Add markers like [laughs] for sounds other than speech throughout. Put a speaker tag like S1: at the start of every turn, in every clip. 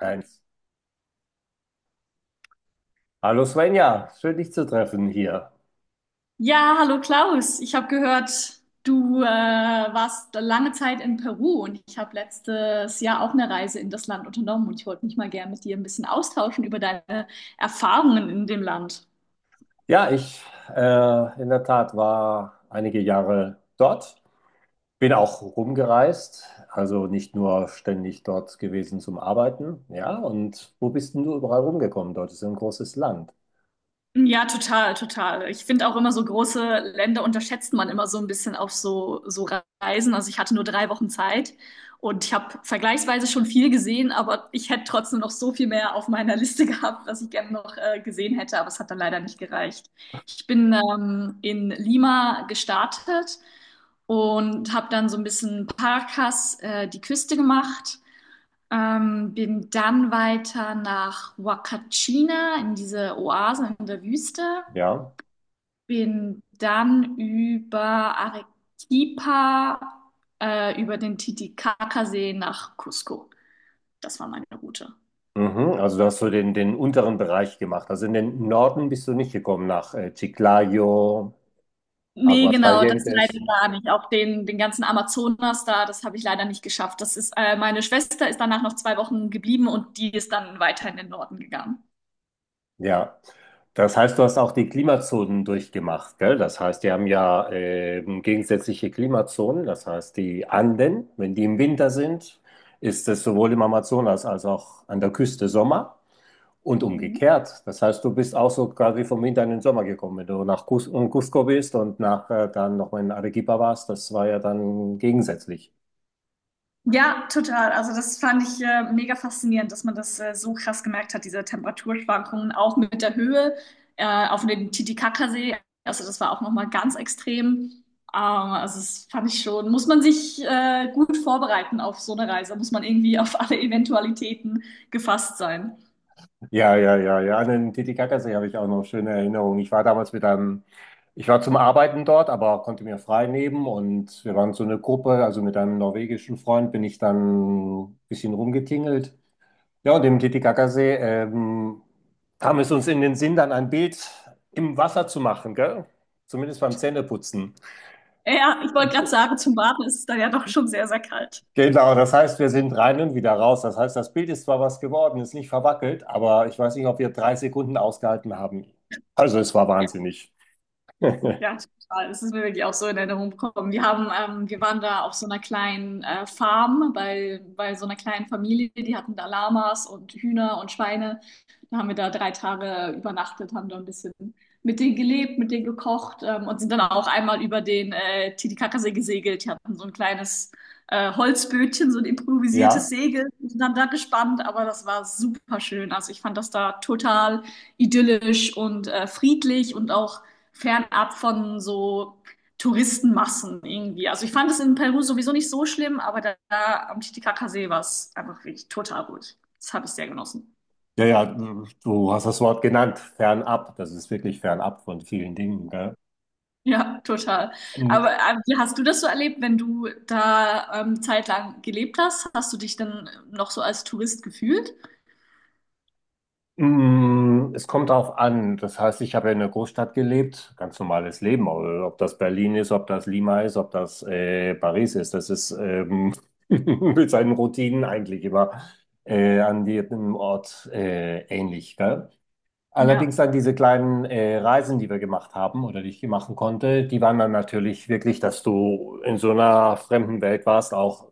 S1: Eins. Hallo Svenja, schön dich zu treffen hier.
S2: Ja, hallo Klaus. Ich habe gehört, du warst lange Zeit in Peru und ich habe letztes Jahr auch eine Reise in das Land unternommen und ich wollte mich mal gern mit dir ein bisschen austauschen über deine Erfahrungen in dem Land.
S1: Ja, ich in der Tat war einige Jahre dort, bin auch rumgereist, also nicht nur ständig dort gewesen zum Arbeiten. Ja, und wo bist denn du überall rumgekommen? Dort ist ja ein großes Land.
S2: Ja, total, total. Ich finde auch immer so große Länder unterschätzt man immer so ein bisschen auf so Reisen. Also ich hatte nur 3 Wochen Zeit und ich habe vergleichsweise schon viel gesehen, aber ich hätte trotzdem noch so viel mehr auf meiner Liste [laughs] gehabt, was ich gerne noch gesehen hätte, aber es hat dann leider nicht gereicht. Ich bin in Lima gestartet und habe dann so ein bisschen Paracas, die Küste gemacht. Bin dann weiter nach Huacachina in diese Oase in der Wüste.
S1: Ja.
S2: Bin dann über Arequipa, über den Titicacasee nach Cusco. Das war meine Route.
S1: Mhm, also du hast so den unteren Bereich gemacht. Also in den Norden bist du nicht gekommen, nach Chiclayo,
S2: Nee, genau, das leider
S1: Aguascalientes.
S2: gar nicht. Auch den ganzen Amazonas da, das habe ich leider nicht geschafft. Meine Schwester ist danach noch 2 Wochen geblieben und die ist dann weiter in den Norden gegangen.
S1: Ja, das heißt, du hast auch die Klimazonen durchgemacht, gell? Das heißt, die haben ja gegensätzliche Klimazonen. Das heißt, die Anden, wenn die im Winter sind, ist es sowohl im Amazonas als auch an der Küste Sommer und
S2: Mhm.
S1: umgekehrt. Das heißt, du bist auch so quasi vom Winter in den Sommer gekommen. Wenn du nach Cusco bist und nach dann nochmal in Arequipa warst, das war ja dann gegensätzlich.
S2: Ja, total. Also das fand ich mega faszinierend, dass man das so krass gemerkt hat, diese Temperaturschwankungen auch mit der Höhe auf dem Titicacasee. Also das war auch noch mal ganz extrem. Also das fand ich schon, muss man sich gut vorbereiten auf so eine Reise, muss man irgendwie auf alle Eventualitäten gefasst sein.
S1: Ja, ja, ja, ja. An den Titicacasee habe ich auch noch schöne Erinnerungen. Ich war damals mit einem, ich war zum Arbeiten dort, aber konnte mir frei nehmen und wir waren so eine Gruppe, also mit einem norwegischen Freund bin ich dann ein bisschen rumgetingelt. Ja, und im Titicacasee kam es uns in den Sinn, dann ein Bild im Wasser zu machen, gell? Zumindest beim Zähneputzen.
S2: Ja, ich wollte gerade sagen, zum Baden ist es dann ja doch schon sehr, sehr kalt.
S1: Genau, das heißt, wir sind rein und wieder raus. Das heißt, das Bild ist zwar was geworden, ist nicht verwackelt, aber ich weiß nicht, ob wir 3 Sekunden ausgehalten haben. Also es war
S2: Ja.
S1: wahnsinnig.
S2: Ja, total. Das ist mir wirklich auch so in Erinnerung gekommen. Wir waren da auf so einer kleinen Farm bei so einer kleinen Familie. Die hatten da Lamas und Hühner und Schweine. Da haben wir da 3 Tage übernachtet, haben da ein bisschen mit denen gelebt, mit denen gekocht und sind dann auch einmal über den Titicacasee gesegelt. Die hatten so ein kleines Holzbötchen, so ein improvisiertes
S1: Ja,
S2: Segel, sind dann da gespannt, aber das war super schön. Also ich fand das da total idyllisch und friedlich und auch fernab von so Touristenmassen irgendwie. Also ich fand es in Peru sowieso nicht so schlimm, aber da, da am Titicacasee war es einfach wirklich total gut. Das habe ich sehr genossen. [laughs]
S1: ja, ja, du hast das Wort genannt, fernab. Das ist wirklich fernab von vielen Dingen, gell?
S2: Ja, total. Aber wie hast du das so erlebt, wenn du da zeitlang gelebt hast? Hast du dich dann noch so als Tourist gefühlt?
S1: Es kommt darauf an. Das heißt, ich habe ja in der Großstadt gelebt, ganz normales Leben. Aber ob das Berlin ist, ob das Lima ist, ob das Paris ist, das ist [laughs] mit seinen Routinen eigentlich immer an jedem Ort ähnlich. Gell? Allerdings
S2: Ja,
S1: dann diese kleinen Reisen, die wir gemacht haben oder die ich machen konnte, die waren dann natürlich wirklich, dass du in so einer fremden Welt warst, auch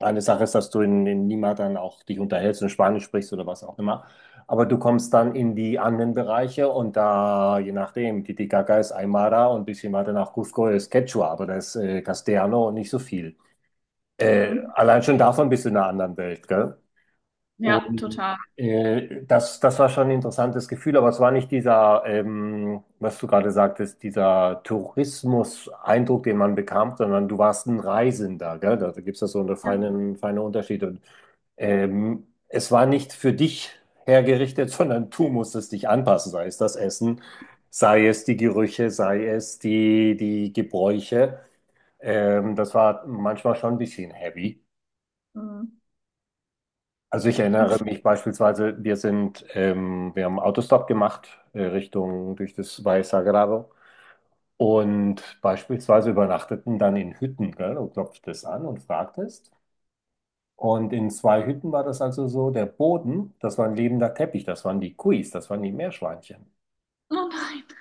S1: eine Sache ist, dass du in Lima dann auch dich unterhältst und Spanisch sprichst oder was auch immer. Aber du kommst dann in die anderen Bereiche und da, je nachdem, Titicaca ist Aymara und ein bisschen weiter nach Cusco ist Quechua, aber da ist Castellano und nicht so viel.
S2: mhm.
S1: Allein schon davon bist du in einer anderen Welt, gell?
S2: Ja,
S1: Und
S2: total.
S1: das, das war schon ein interessantes Gefühl, aber es war nicht dieser, was du gerade sagtest, dieser Tourismus-Eindruck, den man bekam, sondern du warst ein Reisender, gell? Da gibt es ja so einen
S2: Ja.
S1: feinen, feinen Unterschied. Und es war nicht für dich hergerichtet, [laughs] sondern du musstest dich anpassen, sei es das Essen, sei es die Gerüche, sei es die Gebräuche. Das war manchmal schon ein bisschen heavy.
S2: Mhm.
S1: Also ich erinnere
S2: Und
S1: mich beispielsweise, wir haben Autostop gemacht, Richtung durch das Valle Sagrado und beispielsweise übernachteten dann in Hütten, gell? Du klopftest an und fragtest. Und in zwei Hütten war das also so, der Boden, das war ein lebender Teppich, das waren die Kuis, das waren die Meerschweinchen.
S2: oh [laughs] nein.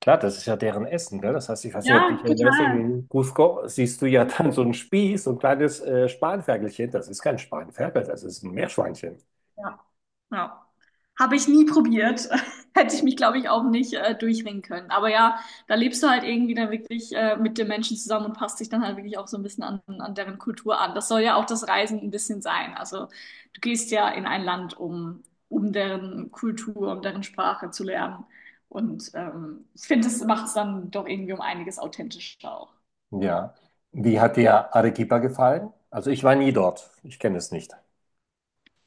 S1: Klar, das ist ja deren Essen, gell? Das heißt, ich weiß nicht, ob du
S2: Ja,
S1: dich erinnerst,
S2: total.
S1: in Cusco siehst du ja dann so einen Spieß, so ein kleines Spanferkelchen. Das ist kein Spanferkel, das ist ein Meerschweinchen.
S2: Ja. Ja. Habe ich nie probiert. [laughs] Hätte ich mich, glaube ich, auch nicht durchringen können. Aber ja, da lebst du halt irgendwie dann wirklich mit den Menschen zusammen und passt dich dann halt wirklich auch so ein bisschen an, an deren Kultur an. Das soll ja auch das Reisen ein bisschen sein. Also du gehst ja in ein Land, um deren Kultur, um deren Sprache zu lernen. Und ich finde, das macht es dann doch irgendwie um einiges authentischer auch.
S1: Ja. Wie hat dir Arequipa gefallen? Also ich war nie dort. Ich kenne es nicht.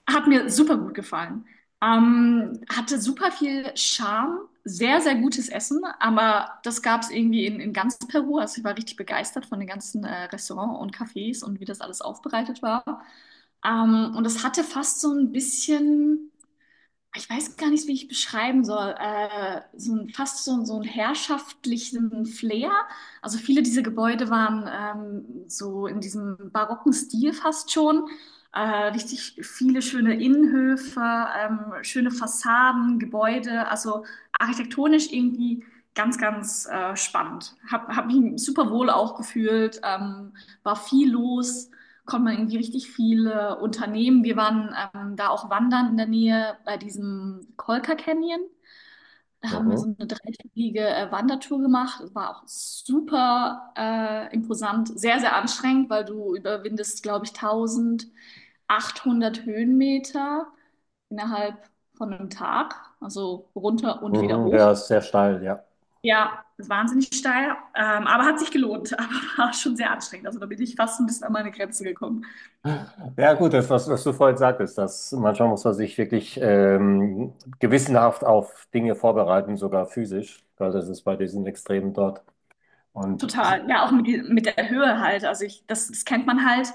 S2: Hat mir super gut gefallen. Hatte super viel Charme, sehr, sehr gutes Essen, aber das gab es irgendwie in ganz Peru. Also ich war richtig begeistert von den ganzen Restaurants und Cafés und wie das alles aufbereitet war. Und es hatte fast so ein bisschen, ich weiß gar nicht, wie ich beschreiben soll, so ein, fast so, so einen herrschaftlichen Flair. Also viele dieser Gebäude waren so in diesem barocken Stil fast schon. Äh, Richtig viele schöne Innenhöfe, schöne Fassaden, Gebäude. Also architektonisch irgendwie ganz, ganz spannend. Hab mich super wohl auch gefühlt, war viel los, konnte man irgendwie richtig viele Unternehmen. Wir waren da auch wandern in der Nähe bei diesem Kolka Canyon. Da haben wir
S1: Mhm.
S2: so eine dreitägige Wandertour gemacht. Das war auch super imposant, sehr, sehr anstrengend, weil du überwindest, glaube ich, 1800 Höhenmeter innerhalb von einem Tag. Also runter und wieder
S1: Mhm. Der
S2: hoch.
S1: ist sehr steil, ja.
S2: Ja, wahnsinnig steil, aber hat sich gelohnt, [laughs] aber war schon sehr anstrengend. Also da bin ich fast ein bisschen an meine Grenze gekommen.
S1: Ja gut, das, was du vorhin sagtest, dass manchmal muss man sich wirklich gewissenhaft auf Dinge vorbereiten, sogar physisch, weil das ist bei diesen Extremen dort. Und es
S2: Total, ja, auch mit der Höhe halt. Also ich, das kennt man halt.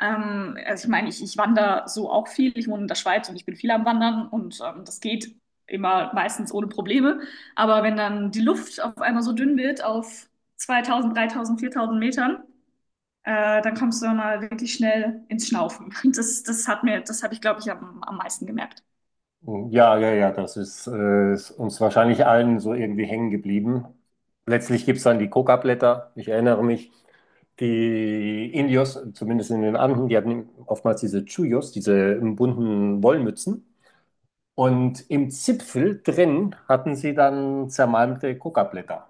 S2: Also ich meine, ich wandere so auch viel. Ich wohne in der Schweiz und ich bin viel am Wandern und das geht immer meistens ohne Probleme. Aber wenn dann die Luft auf einmal so dünn wird auf 2000, 3000, 4000 Metern, dann kommst du dann mal wirklich schnell ins Schnaufen. [laughs] Das hat mir, das habe ich, glaube ich, am meisten gemerkt.
S1: ja, ja, ja, das ist, ist uns wahrscheinlich allen so irgendwie hängen geblieben. Letztlich gibt es dann die Coca-Blätter, ich erinnere mich. Die Indios, zumindest in den Anden, die hatten oftmals diese Chuyos, diese bunten Wollmützen. Und im Zipfel drin hatten sie dann zermalmte Coca-Blätter.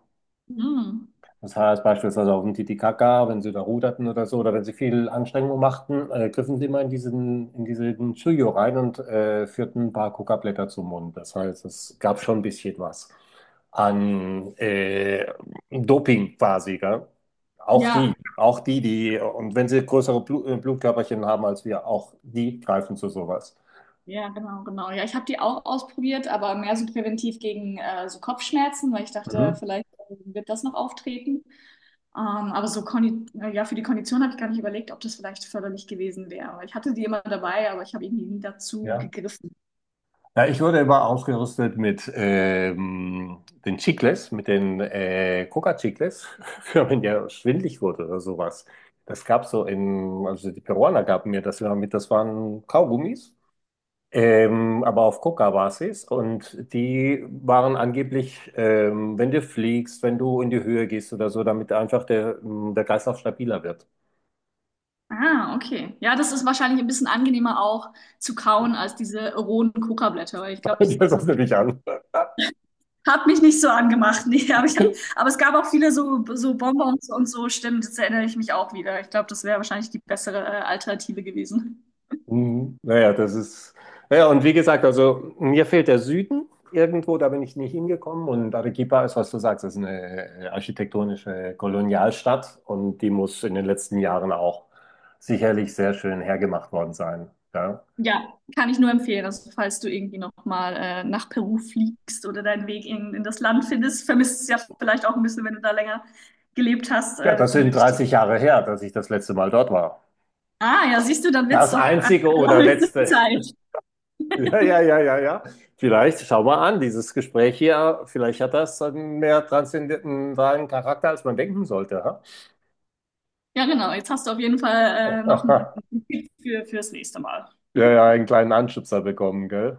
S2: Mhm.
S1: Das heißt beispielsweise auf dem Titicaca, wenn sie da ruderten oder so, oder wenn sie viel Anstrengung machten, griffen sie immer in in diesen Chuyo rein und führten ein paar Kokablätter zum Mund. Das heißt, es gab schon ein bisschen was an Doping quasi, gell? Auch sie,
S2: Ja,
S1: und wenn sie größere Blutkörperchen haben als wir, auch die greifen zu sowas.
S2: Ja, genau, genau. Ja, ich habe die auch ausprobiert, aber mehr so präventiv gegen so Kopfschmerzen, weil ich
S1: Mhm.
S2: dachte, vielleicht wird das noch auftreten. Ähm, aber so Kondi ja, für die Kondition habe ich gar nicht überlegt, ob das vielleicht förderlich gewesen wäre. Aber Ich hatte die immer dabei, aber ich habe irgendwie nie dazu
S1: Ja.
S2: gegriffen.
S1: Ja, ich wurde immer ausgerüstet mit den Chicles, mit den Coca-Chicles, [laughs] wenn man ja schwindlig wurde oder sowas. Das gab also die Peruaner gaben mir das immer mit, das waren Kaugummis, aber auf Coca-Basis. Und die waren angeblich, wenn du fliegst, wenn du in die Höhe gehst oder so, damit einfach der Kreislauf stabiler wird. [laughs]
S2: Ah, okay. Ja, das ist wahrscheinlich ein bisschen angenehmer auch zu kauen als diese rohen Kokablätter, weil ich glaube, das,
S1: Das
S2: also,
S1: ist natürlich an.
S2: hat mich nicht so angemacht, [laughs] nee, aber, es gab auch viele so Bonbons und so, stimmt, jetzt erinnere ich mich auch wieder. Ich glaube, das wäre wahrscheinlich die bessere Alternative gewesen.
S1: Mhm. Naja, das ist. Ja, und wie gesagt, also mir fehlt der Süden irgendwo, da bin ich nicht hingekommen. Und Arequipa ist, was du sagst, ist eine architektonische Kolonialstadt und die muss in den letzten Jahren auch sicherlich sehr schön hergemacht worden sein. Ja,
S2: Ja, kann ich nur empfehlen. Also, falls du irgendwie nochmal nach Peru fliegst oder deinen Weg in das Land findest, vermisst es ja vielleicht auch ein bisschen, wenn du da länger gelebt hast,
S1: ja das
S2: dann
S1: sind
S2: würde ich dir.
S1: 30 Jahre her, dass ich das letzte Mal dort war.
S2: Ah, ja, siehst du, dann wird's
S1: Das
S2: doch an
S1: einzige
S2: [laughs]
S1: oder
S2: allerhöchste
S1: letzte. [laughs]
S2: Zeit.
S1: Ja, ja, ja, ja, ja. Vielleicht, schau mal an, dieses Gespräch hier, vielleicht hat das einen mehr transzendentalen Charakter, als man denken sollte.
S2: Ja, genau. Jetzt hast du auf jeden Fall noch einen
S1: Ha? [laughs]
S2: Tipp fürs nächste Mal.
S1: Ja, ja, einen kleinen Anschubser bekommen, gell?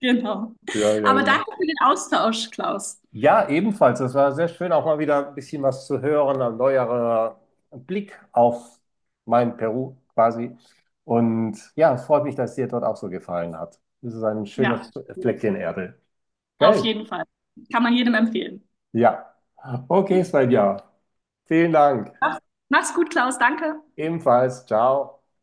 S2: Genau.
S1: Ja, ja,
S2: Aber danke
S1: ja.
S2: für den Austausch, Klaus.
S1: Ja, ebenfalls. Es war sehr schön, auch mal wieder ein bisschen was zu hören, ein neuerer Blick auf mein Peru quasi. Und ja, es freut mich, dass es dir dort auch so gefallen hat. Es ist ein schönes
S2: Ja,
S1: Fleckchen Erde.
S2: auf
S1: Gell?
S2: jeden Fall. Kann man jedem empfehlen.
S1: Ja. Okay, Svenja. Vielen Dank.
S2: Mach's mach's gut, Klaus. Danke.
S1: Ebenfalls. Ciao.